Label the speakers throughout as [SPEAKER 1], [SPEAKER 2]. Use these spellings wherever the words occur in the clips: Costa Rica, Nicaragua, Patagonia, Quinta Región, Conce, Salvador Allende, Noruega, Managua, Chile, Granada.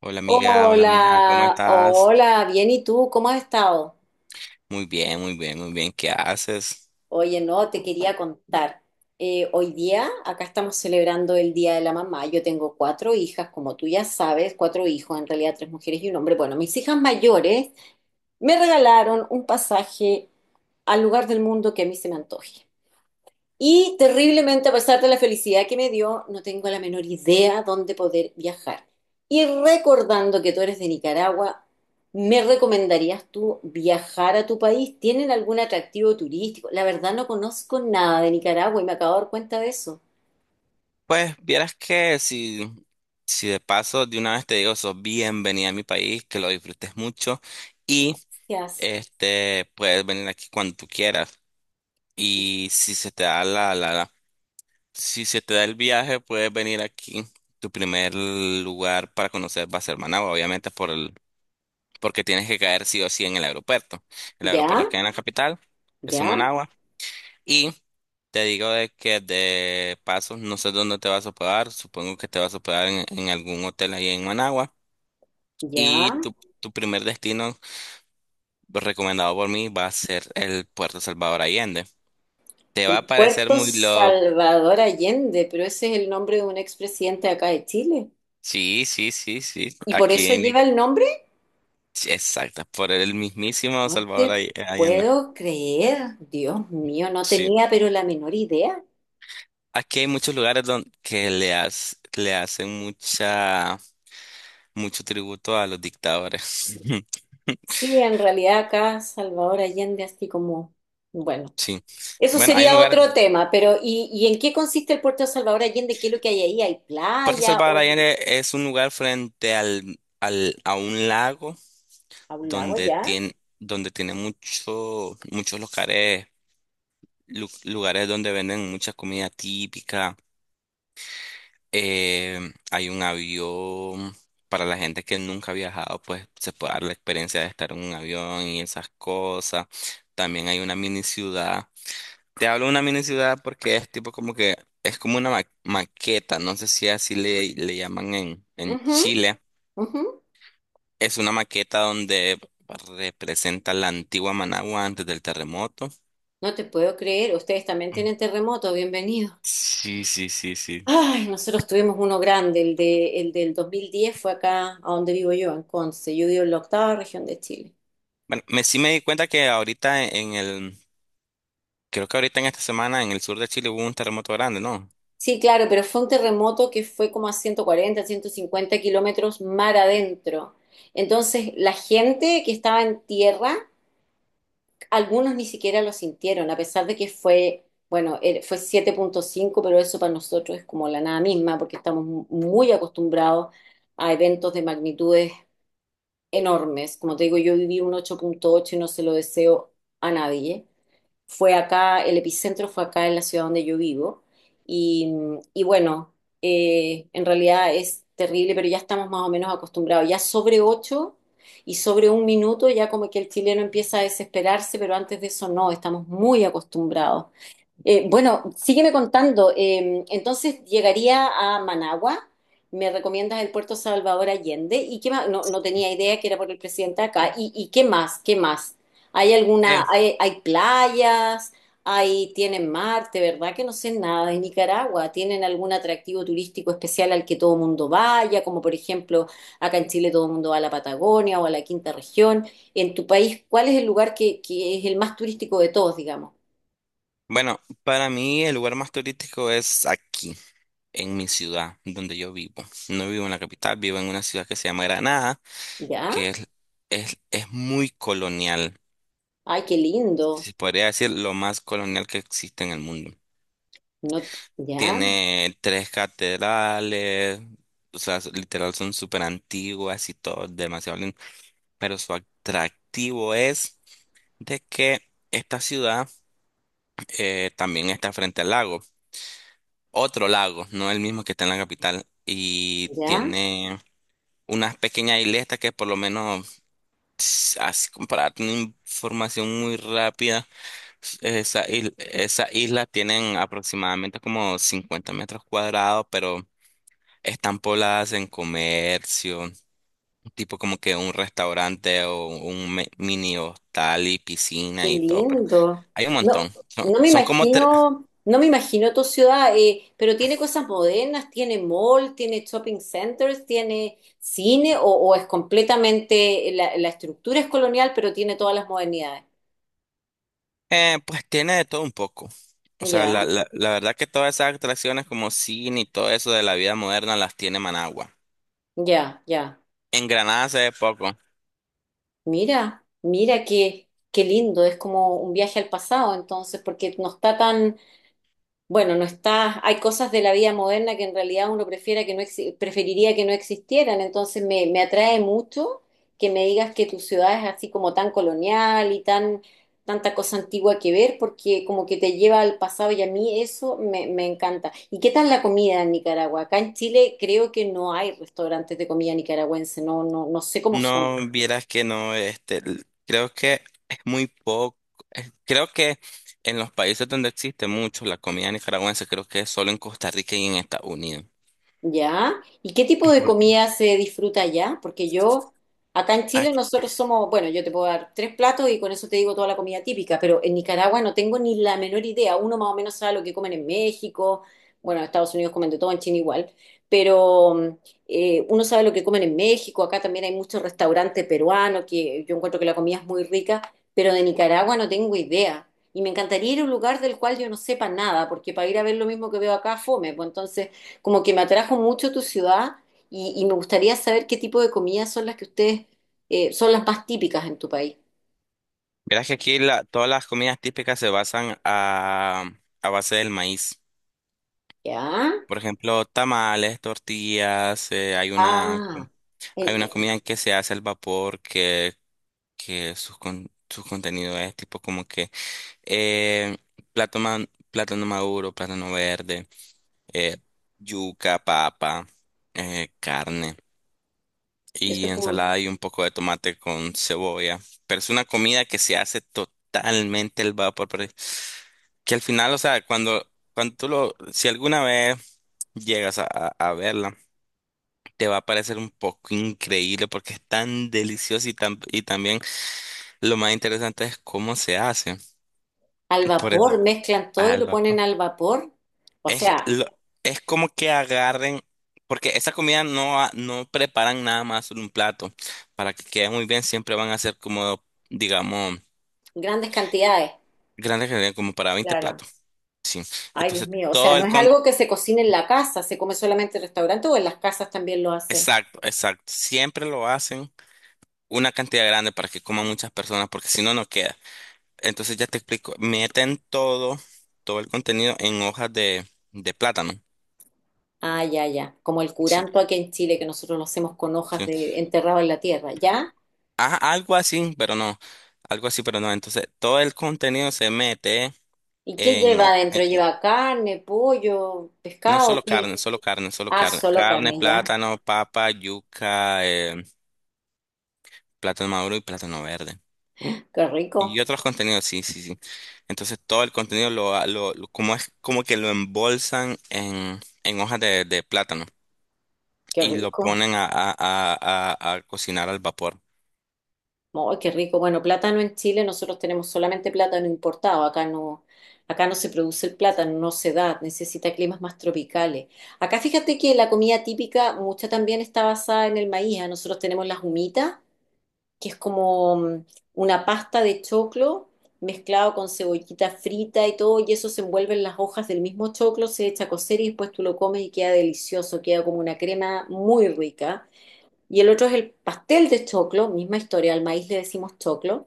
[SPEAKER 1] Hola amiga, ¿cómo
[SPEAKER 2] Hola,
[SPEAKER 1] estás?
[SPEAKER 2] hola, bien, ¿y tú? ¿Cómo has estado?
[SPEAKER 1] Muy bien, muy bien, muy bien, ¿qué haces?
[SPEAKER 2] Oye, no, te quería contar. Hoy día acá estamos celebrando el Día de la Mamá. Yo tengo cuatro hijas, como tú ya sabes, cuatro hijos, en realidad tres mujeres y un hombre. Bueno, mis hijas mayores me regalaron un pasaje al lugar del mundo que a mí se me antoje. Y terriblemente, a pesar de la felicidad que me dio, no tengo la menor idea dónde poder viajar. Y recordando que tú eres de Nicaragua, ¿me recomendarías tú viajar a tu país? ¿Tienen algún atractivo turístico? La verdad no conozco nada de Nicaragua y me acabo de dar cuenta de eso.
[SPEAKER 1] Pues vieras que si, si de paso de una vez te digo, sos bienvenida a mi país, que lo disfrutes mucho y
[SPEAKER 2] ¿Qué haces?
[SPEAKER 1] puedes venir aquí cuando tú quieras. Y si se te da si se te da el viaje, puedes venir aquí. Tu primer lugar para conocer va a ser Managua, obviamente porque tienes que caer sí o sí en el aeropuerto. El aeropuerto
[SPEAKER 2] Ya,
[SPEAKER 1] que hay en la capital es en
[SPEAKER 2] ya,
[SPEAKER 1] Managua. Te digo de que de pasos no sé dónde te vas a hospedar, supongo que te vas a hospedar en algún hotel ahí en Managua.
[SPEAKER 2] ya.
[SPEAKER 1] Y tu primer destino, recomendado por mí, va a ser el Puerto Salvador Allende. Te va
[SPEAKER 2] El
[SPEAKER 1] a parecer
[SPEAKER 2] Puerto
[SPEAKER 1] muy loco.
[SPEAKER 2] Salvador Allende, pero ese es el nombre de un expresidente acá de Chile.
[SPEAKER 1] Sí, sí, sí, sí.
[SPEAKER 2] ¿Y por
[SPEAKER 1] Aquí
[SPEAKER 2] eso
[SPEAKER 1] en...
[SPEAKER 2] lleva el nombre?
[SPEAKER 1] Sí, exacto, por el mismísimo
[SPEAKER 2] No
[SPEAKER 1] Salvador
[SPEAKER 2] te
[SPEAKER 1] Ay- Allende.
[SPEAKER 2] puedo creer, Dios mío, no
[SPEAKER 1] Sí.
[SPEAKER 2] tenía pero la menor idea.
[SPEAKER 1] Aquí hay muchos lugares donde que le hacen mucha, mucho tributo a los dictadores.
[SPEAKER 2] Sí, en realidad acá Salvador Allende, así como, bueno,
[SPEAKER 1] Sí.
[SPEAKER 2] eso
[SPEAKER 1] Bueno, hay un
[SPEAKER 2] sería
[SPEAKER 1] lugar.
[SPEAKER 2] otro tema, pero ¿y en qué consiste el puerto de Salvador Allende? ¿Qué es lo que hay ahí? ¿Hay
[SPEAKER 1] Puerto
[SPEAKER 2] playa
[SPEAKER 1] Salvador
[SPEAKER 2] o es un,
[SPEAKER 1] Allende es un lugar frente a un lago
[SPEAKER 2] a un lago ya?
[SPEAKER 1] donde tiene muchos lugares, lugares donde venden mucha comida típica. Hay un avión para la gente que nunca ha viajado, pues se puede dar la experiencia de estar en un avión y esas cosas. También hay una mini ciudad. Te hablo de una mini ciudad porque es como una maqueta, no sé si así le llaman en
[SPEAKER 2] Ujú,
[SPEAKER 1] Chile.
[SPEAKER 2] ujú.
[SPEAKER 1] Es una maqueta donde representa la antigua Managua antes del terremoto.
[SPEAKER 2] No te puedo creer, ustedes también tienen terremoto, bienvenido.
[SPEAKER 1] Sí, sí, sí, sí.
[SPEAKER 2] Ay, nosotros tuvimos uno grande, el del 2010 fue acá, a donde vivo yo, en Conce. Yo vivo en la Octava Región de Chile.
[SPEAKER 1] Bueno, sí me di cuenta que ahorita creo que ahorita en esta semana en el sur de Chile hubo un terremoto grande, ¿no?
[SPEAKER 2] Sí, claro, pero fue un terremoto que fue como a 140, 150 kilómetros mar adentro. Entonces, la gente que estaba en tierra, algunos ni siquiera lo sintieron, a pesar de que fue, bueno, fue 7.5, pero eso para nosotros es como la nada misma, porque estamos muy acostumbrados a eventos de magnitudes enormes. Como te digo, yo viví un 8.8 y no se lo deseo a nadie. Fue acá, el epicentro fue acá en la ciudad donde yo vivo. Y, y bueno, en realidad es terrible, pero ya estamos más o menos acostumbrados. Ya sobre ocho y sobre un minuto ya como que el chileno empieza a desesperarse, pero antes de eso no, estamos muy acostumbrados. Bueno, sígueme contando. Entonces llegaría a Managua. Me recomiendas el puerto Salvador Allende. ¿Y qué más? No, no tenía idea que era por el presidente acá. ¿Y qué más? ¿Qué más? ¿Hay
[SPEAKER 1] Eh,
[SPEAKER 2] alguna, hay playas? Tienen mar? De verdad que no sé nada de Nicaragua. ¿Tienen algún atractivo turístico especial al que todo el mundo vaya? Como por ejemplo, acá en Chile todo el mundo va a la Patagonia o a la Quinta Región. En tu país, ¿cuál es el lugar que es el más turístico de todos, digamos?
[SPEAKER 1] Bueno, para mí el lugar más turístico es aquí, en mi ciudad, donde yo vivo. No vivo en la capital, vivo en una ciudad que se llama Granada,
[SPEAKER 2] ¿Ya?
[SPEAKER 1] que es muy colonial.
[SPEAKER 2] Ay, qué lindo.
[SPEAKER 1] Se podría decir lo más colonial que existe en el mundo.
[SPEAKER 2] No, ya,
[SPEAKER 1] Tiene 3 catedrales, o sea, literal son súper antiguas y todo, demasiado lindo. Pero su atractivo es de que esta ciudad también está frente al lago, otro lago, no el mismo que está en la capital, y
[SPEAKER 2] ya,
[SPEAKER 1] tiene unas pequeñas isletas que por lo menos, así como para tener información muy rápida, esas islas tienen aproximadamente como 50 metros cuadrados, pero están pobladas en comercio, tipo como que un restaurante o un mini hostal y
[SPEAKER 2] qué
[SPEAKER 1] piscina y todo, pero
[SPEAKER 2] lindo.
[SPEAKER 1] hay un
[SPEAKER 2] No,
[SPEAKER 1] montón.
[SPEAKER 2] no me
[SPEAKER 1] Son como 3.
[SPEAKER 2] imagino, no me imagino tu ciudad, pero tiene cosas modernas, tiene mall, tiene shopping centers, tiene cine, o es completamente, la estructura es colonial, pero tiene todas las modernidades.
[SPEAKER 1] Pues tiene de todo un poco. O sea,
[SPEAKER 2] Ya,
[SPEAKER 1] la verdad que todas esas atracciones como cine y todo eso de la vida moderna las tiene Managua.
[SPEAKER 2] ya, ya.
[SPEAKER 1] En Granada se ve poco.
[SPEAKER 2] Mira, mira qué lindo. Es como un viaje al pasado, entonces, porque no está tan. Bueno, no está, hay cosas de la vida moderna que en realidad uno prefiera que no preferiría que no existieran, entonces me atrae mucho que me digas que tu ciudad es así como tan colonial y tanta cosa antigua que ver, porque como que te lleva al pasado y a mí eso me encanta. ¿Y qué tal la comida en Nicaragua? Acá en Chile creo que no hay restaurantes de comida nicaragüense, no, no, no sé cómo son.
[SPEAKER 1] No, vieras que no, creo que es muy poco, creo que en los países donde existe mucho la comida nicaragüense, creo que es solo en Costa Rica y en Estados Unidos.
[SPEAKER 2] ¿Ya? ¿Y qué tipo de
[SPEAKER 1] Por-
[SPEAKER 2] comida se disfruta allá? Porque yo, acá en Chile
[SPEAKER 1] aquí-
[SPEAKER 2] nosotros somos, bueno, yo te puedo dar tres platos y con eso te digo toda la comida típica, pero en Nicaragua no tengo ni la menor idea. Uno más o menos sabe lo que comen en México, bueno, en Estados Unidos comen de todo, en China igual, pero uno sabe lo que comen en México, acá también hay muchos restaurantes peruanos que yo encuentro que la comida es muy rica, pero de Nicaragua no tengo idea. Y me encantaría ir a un lugar del cual yo no sepa nada, porque para ir a ver lo mismo que veo acá, fome, pues entonces... Como que me atrajo mucho tu ciudad y me gustaría saber qué tipo de comidas son las que ustedes, son las más típicas en tu país.
[SPEAKER 1] Vieras que aquí todas las comidas típicas se basan a base del maíz.
[SPEAKER 2] ¿Ya?
[SPEAKER 1] Por ejemplo, tamales, tortillas,
[SPEAKER 2] Ah,
[SPEAKER 1] hay
[SPEAKER 2] el-
[SPEAKER 1] una comida que se hace al vapor que su contenido es tipo como que eh, plátano, plátano maduro, plátano verde, eh, yuca, papa, carne
[SPEAKER 2] esto
[SPEAKER 1] y
[SPEAKER 2] es como
[SPEAKER 1] ensalada y un poco de tomate con cebolla. Pero es una comida que se hace totalmente al vapor, pero que al final, o sea, cuando si alguna vez llegas a verla, te va a parecer un poco increíble porque es tan delicioso y, tan, y también lo más interesante es cómo se hace.
[SPEAKER 2] al
[SPEAKER 1] Por eso,
[SPEAKER 2] vapor, mezclan todo y
[SPEAKER 1] al
[SPEAKER 2] lo ponen
[SPEAKER 1] vapor.
[SPEAKER 2] al vapor. O
[SPEAKER 1] Es,
[SPEAKER 2] sea,
[SPEAKER 1] lo- es como que agarren, porque esa comida no preparan nada más en un plato. Para que quede muy bien, siempre van a ser como, digamos,
[SPEAKER 2] grandes cantidades.
[SPEAKER 1] grandes cantidades, como para 20
[SPEAKER 2] Claro.
[SPEAKER 1] platos. Sí.
[SPEAKER 2] Ay, Dios
[SPEAKER 1] Entonces,
[SPEAKER 2] mío. O sea,
[SPEAKER 1] todo
[SPEAKER 2] no
[SPEAKER 1] el
[SPEAKER 2] es
[SPEAKER 1] con...
[SPEAKER 2] algo que se cocine en la casa, se come solamente en restaurante o en las casas también lo hacen.
[SPEAKER 1] Exacto, exacto. Siempre lo hacen una cantidad grande para que coman muchas personas, porque si no, no queda. Entonces, ya te explico. Meten todo, todo el contenido en hojas de plátano.
[SPEAKER 2] Ah, ya, ya. Como el
[SPEAKER 1] Sí,
[SPEAKER 2] curanto aquí en Chile que nosotros lo hacemos con hojas
[SPEAKER 1] sí.
[SPEAKER 2] de enterrado en la tierra, ¿ya?
[SPEAKER 1] Ah, algo así, pero no. Algo así, pero no. Entonces, todo el contenido se mete
[SPEAKER 2] ¿Y qué
[SPEAKER 1] en,
[SPEAKER 2] lleva
[SPEAKER 1] o-
[SPEAKER 2] adentro?
[SPEAKER 1] en- en-
[SPEAKER 2] ¿Lleva carne, pollo,
[SPEAKER 1] no
[SPEAKER 2] pescado?
[SPEAKER 1] solo
[SPEAKER 2] ¿Qué?
[SPEAKER 1] carne, solo carne, solo
[SPEAKER 2] Ah,
[SPEAKER 1] carne.
[SPEAKER 2] solo
[SPEAKER 1] Carne,
[SPEAKER 2] carne ya.
[SPEAKER 1] plátano, papa, yuca, plátano maduro y plátano verde.
[SPEAKER 2] Qué rico,
[SPEAKER 1] Y otros contenidos, sí, sí, sí. Entonces, todo el contenido lo, ha- lo- como es como que lo embolsan en hojas de plátano
[SPEAKER 2] qué
[SPEAKER 1] y lo ponen
[SPEAKER 2] rico.
[SPEAKER 1] a cocinar al vapor.
[SPEAKER 2] Oh, qué rico. Bueno, plátano en Chile, nosotros tenemos solamente plátano importado. Acá no se produce el plátano, no se da, necesita climas más tropicales. Acá fíjate que la comida típica, mucha también está basada en el maíz. Ah, nosotros tenemos las humitas, que es como una pasta de choclo mezclado con cebollita frita y todo, y eso se envuelve en las hojas del mismo choclo, se echa a cocer y después tú lo comes y queda delicioso, queda como una crema muy rica. Y el otro es el pastel de choclo, misma historia, al maíz le decimos choclo,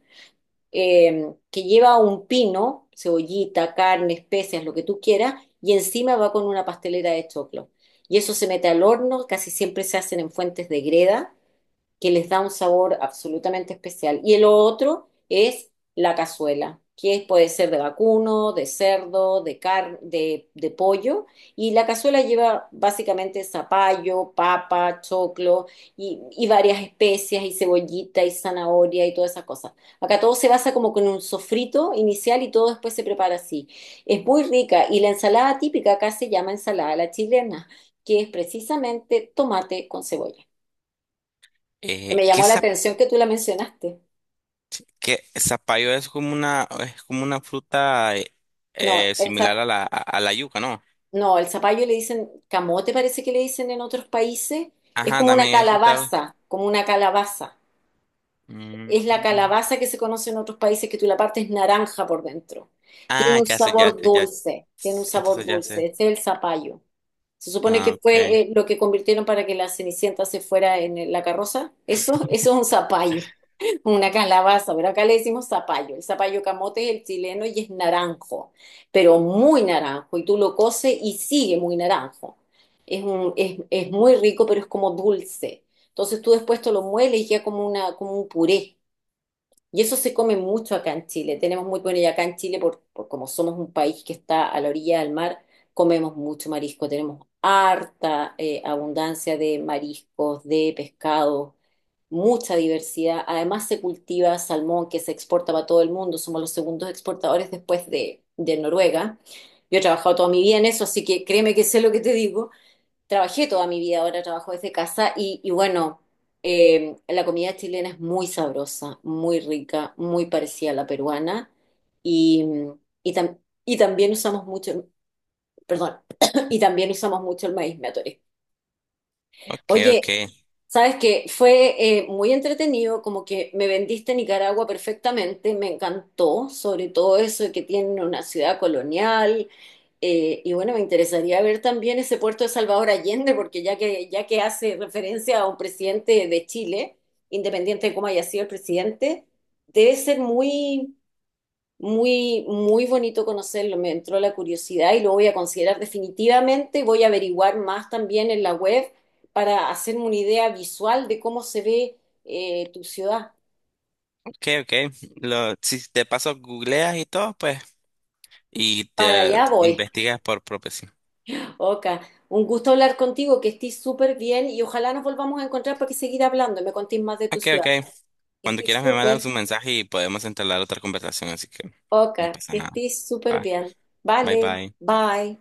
[SPEAKER 2] que lleva un pino, cebollita, carne, especias, lo que tú quieras, y encima va con una pastelera de choclo. Y eso se mete al horno, casi siempre se hacen en fuentes de greda que les da un sabor absolutamente especial. Y el otro es la cazuela, que puede ser de vacuno, de cerdo, de pollo. Y la cazuela lleva básicamente zapallo, papa, choclo y varias especias y cebollita y zanahoria y todas esas cosas. Acá todo se basa como con un sofrito inicial y todo después se prepara así. Es muy rica y la ensalada típica acá se llama ensalada a la chilena, que es precisamente tomate con cebolla. Me
[SPEAKER 1] ¿Qué,
[SPEAKER 2] llamó la atención que tú la mencionaste.
[SPEAKER 1] que zapallo es como una fruta
[SPEAKER 2] No,
[SPEAKER 1] similar a la yuca, ¿no?
[SPEAKER 2] no, el zapallo le dicen camote, parece que le dicen en otros países. Es
[SPEAKER 1] Ajá,
[SPEAKER 2] como una
[SPEAKER 1] también he escuchado.
[SPEAKER 2] calabaza, como una calabaza. Es la
[SPEAKER 1] Mm.
[SPEAKER 2] calabaza que se conoce en otros países, que tú la partes naranja por dentro. Tiene
[SPEAKER 1] Ah,
[SPEAKER 2] un
[SPEAKER 1] ya sé, ya
[SPEAKER 2] sabor
[SPEAKER 1] sé, ya.
[SPEAKER 2] dulce, tiene un sabor
[SPEAKER 1] Entonces ya
[SPEAKER 2] dulce.
[SPEAKER 1] sé.
[SPEAKER 2] Este es el zapallo. Se supone
[SPEAKER 1] Ah,
[SPEAKER 2] que
[SPEAKER 1] ok.
[SPEAKER 2] fue lo que convirtieron para que la Cenicienta se fuera en la carroza. Eso es un zapallo. Una calabaza, pero acá le decimos zapallo. El zapallo camote es el chileno y es naranjo, pero muy naranjo. Y tú lo coces y sigue muy naranjo. Es muy rico, pero es como dulce. Entonces tú después te lo mueles y ya como un puré. Y eso se come mucho acá en Chile. Tenemos muy, bueno, y acá en Chile, por como somos un país que está a la orilla del mar, comemos mucho marisco. Tenemos harta abundancia de mariscos, de pescado, mucha diversidad. Además, se cultiva salmón que se exporta para todo el mundo. Somos los segundos exportadores después de Noruega. Yo he trabajado toda mi vida en eso, así que créeme que sé lo que te digo. Trabajé toda mi vida, ahora trabajo desde casa y, bueno, la comida chilena es muy sabrosa, muy rica, muy parecida a la peruana y, y, tam- y también usamos mucho, perdón, y también usamos mucho el maíz, me atoré.
[SPEAKER 1] Ok, ok.
[SPEAKER 2] Oye, sabes que fue muy entretenido, como que me vendiste Nicaragua perfectamente, me encantó, sobre todo eso de que tiene una ciudad colonial. Y bueno, me interesaría ver también ese puerto de Salvador Allende, porque ya que hace referencia a un presidente de Chile, independiente de cómo haya sido el presidente, debe ser muy, muy, muy bonito conocerlo, me entró la curiosidad y lo voy a considerar definitivamente. Voy a averiguar más también en la web para hacerme una idea visual de cómo se ve tu ciudad.
[SPEAKER 1] Ok, ok. Si te paso googleas y todo, pues, y
[SPEAKER 2] Para
[SPEAKER 1] te
[SPEAKER 2] allá voy.
[SPEAKER 1] investigas por propio sí.
[SPEAKER 2] Oka, un gusto hablar contigo, que estés súper bien y ojalá nos volvamos a encontrar para que seguir hablando y me contéis más de tu
[SPEAKER 1] Ok,
[SPEAKER 2] ciudad.
[SPEAKER 1] ok.
[SPEAKER 2] Que
[SPEAKER 1] Cuando
[SPEAKER 2] estés
[SPEAKER 1] quieras me mandas un
[SPEAKER 2] súper.
[SPEAKER 1] mensaje y podemos entablar otra conversación, así que no
[SPEAKER 2] Oka,
[SPEAKER 1] pasa
[SPEAKER 2] que
[SPEAKER 1] nada.
[SPEAKER 2] estés súper
[SPEAKER 1] Va.
[SPEAKER 2] bien.
[SPEAKER 1] Bye,
[SPEAKER 2] Vale,
[SPEAKER 1] bye.
[SPEAKER 2] bye.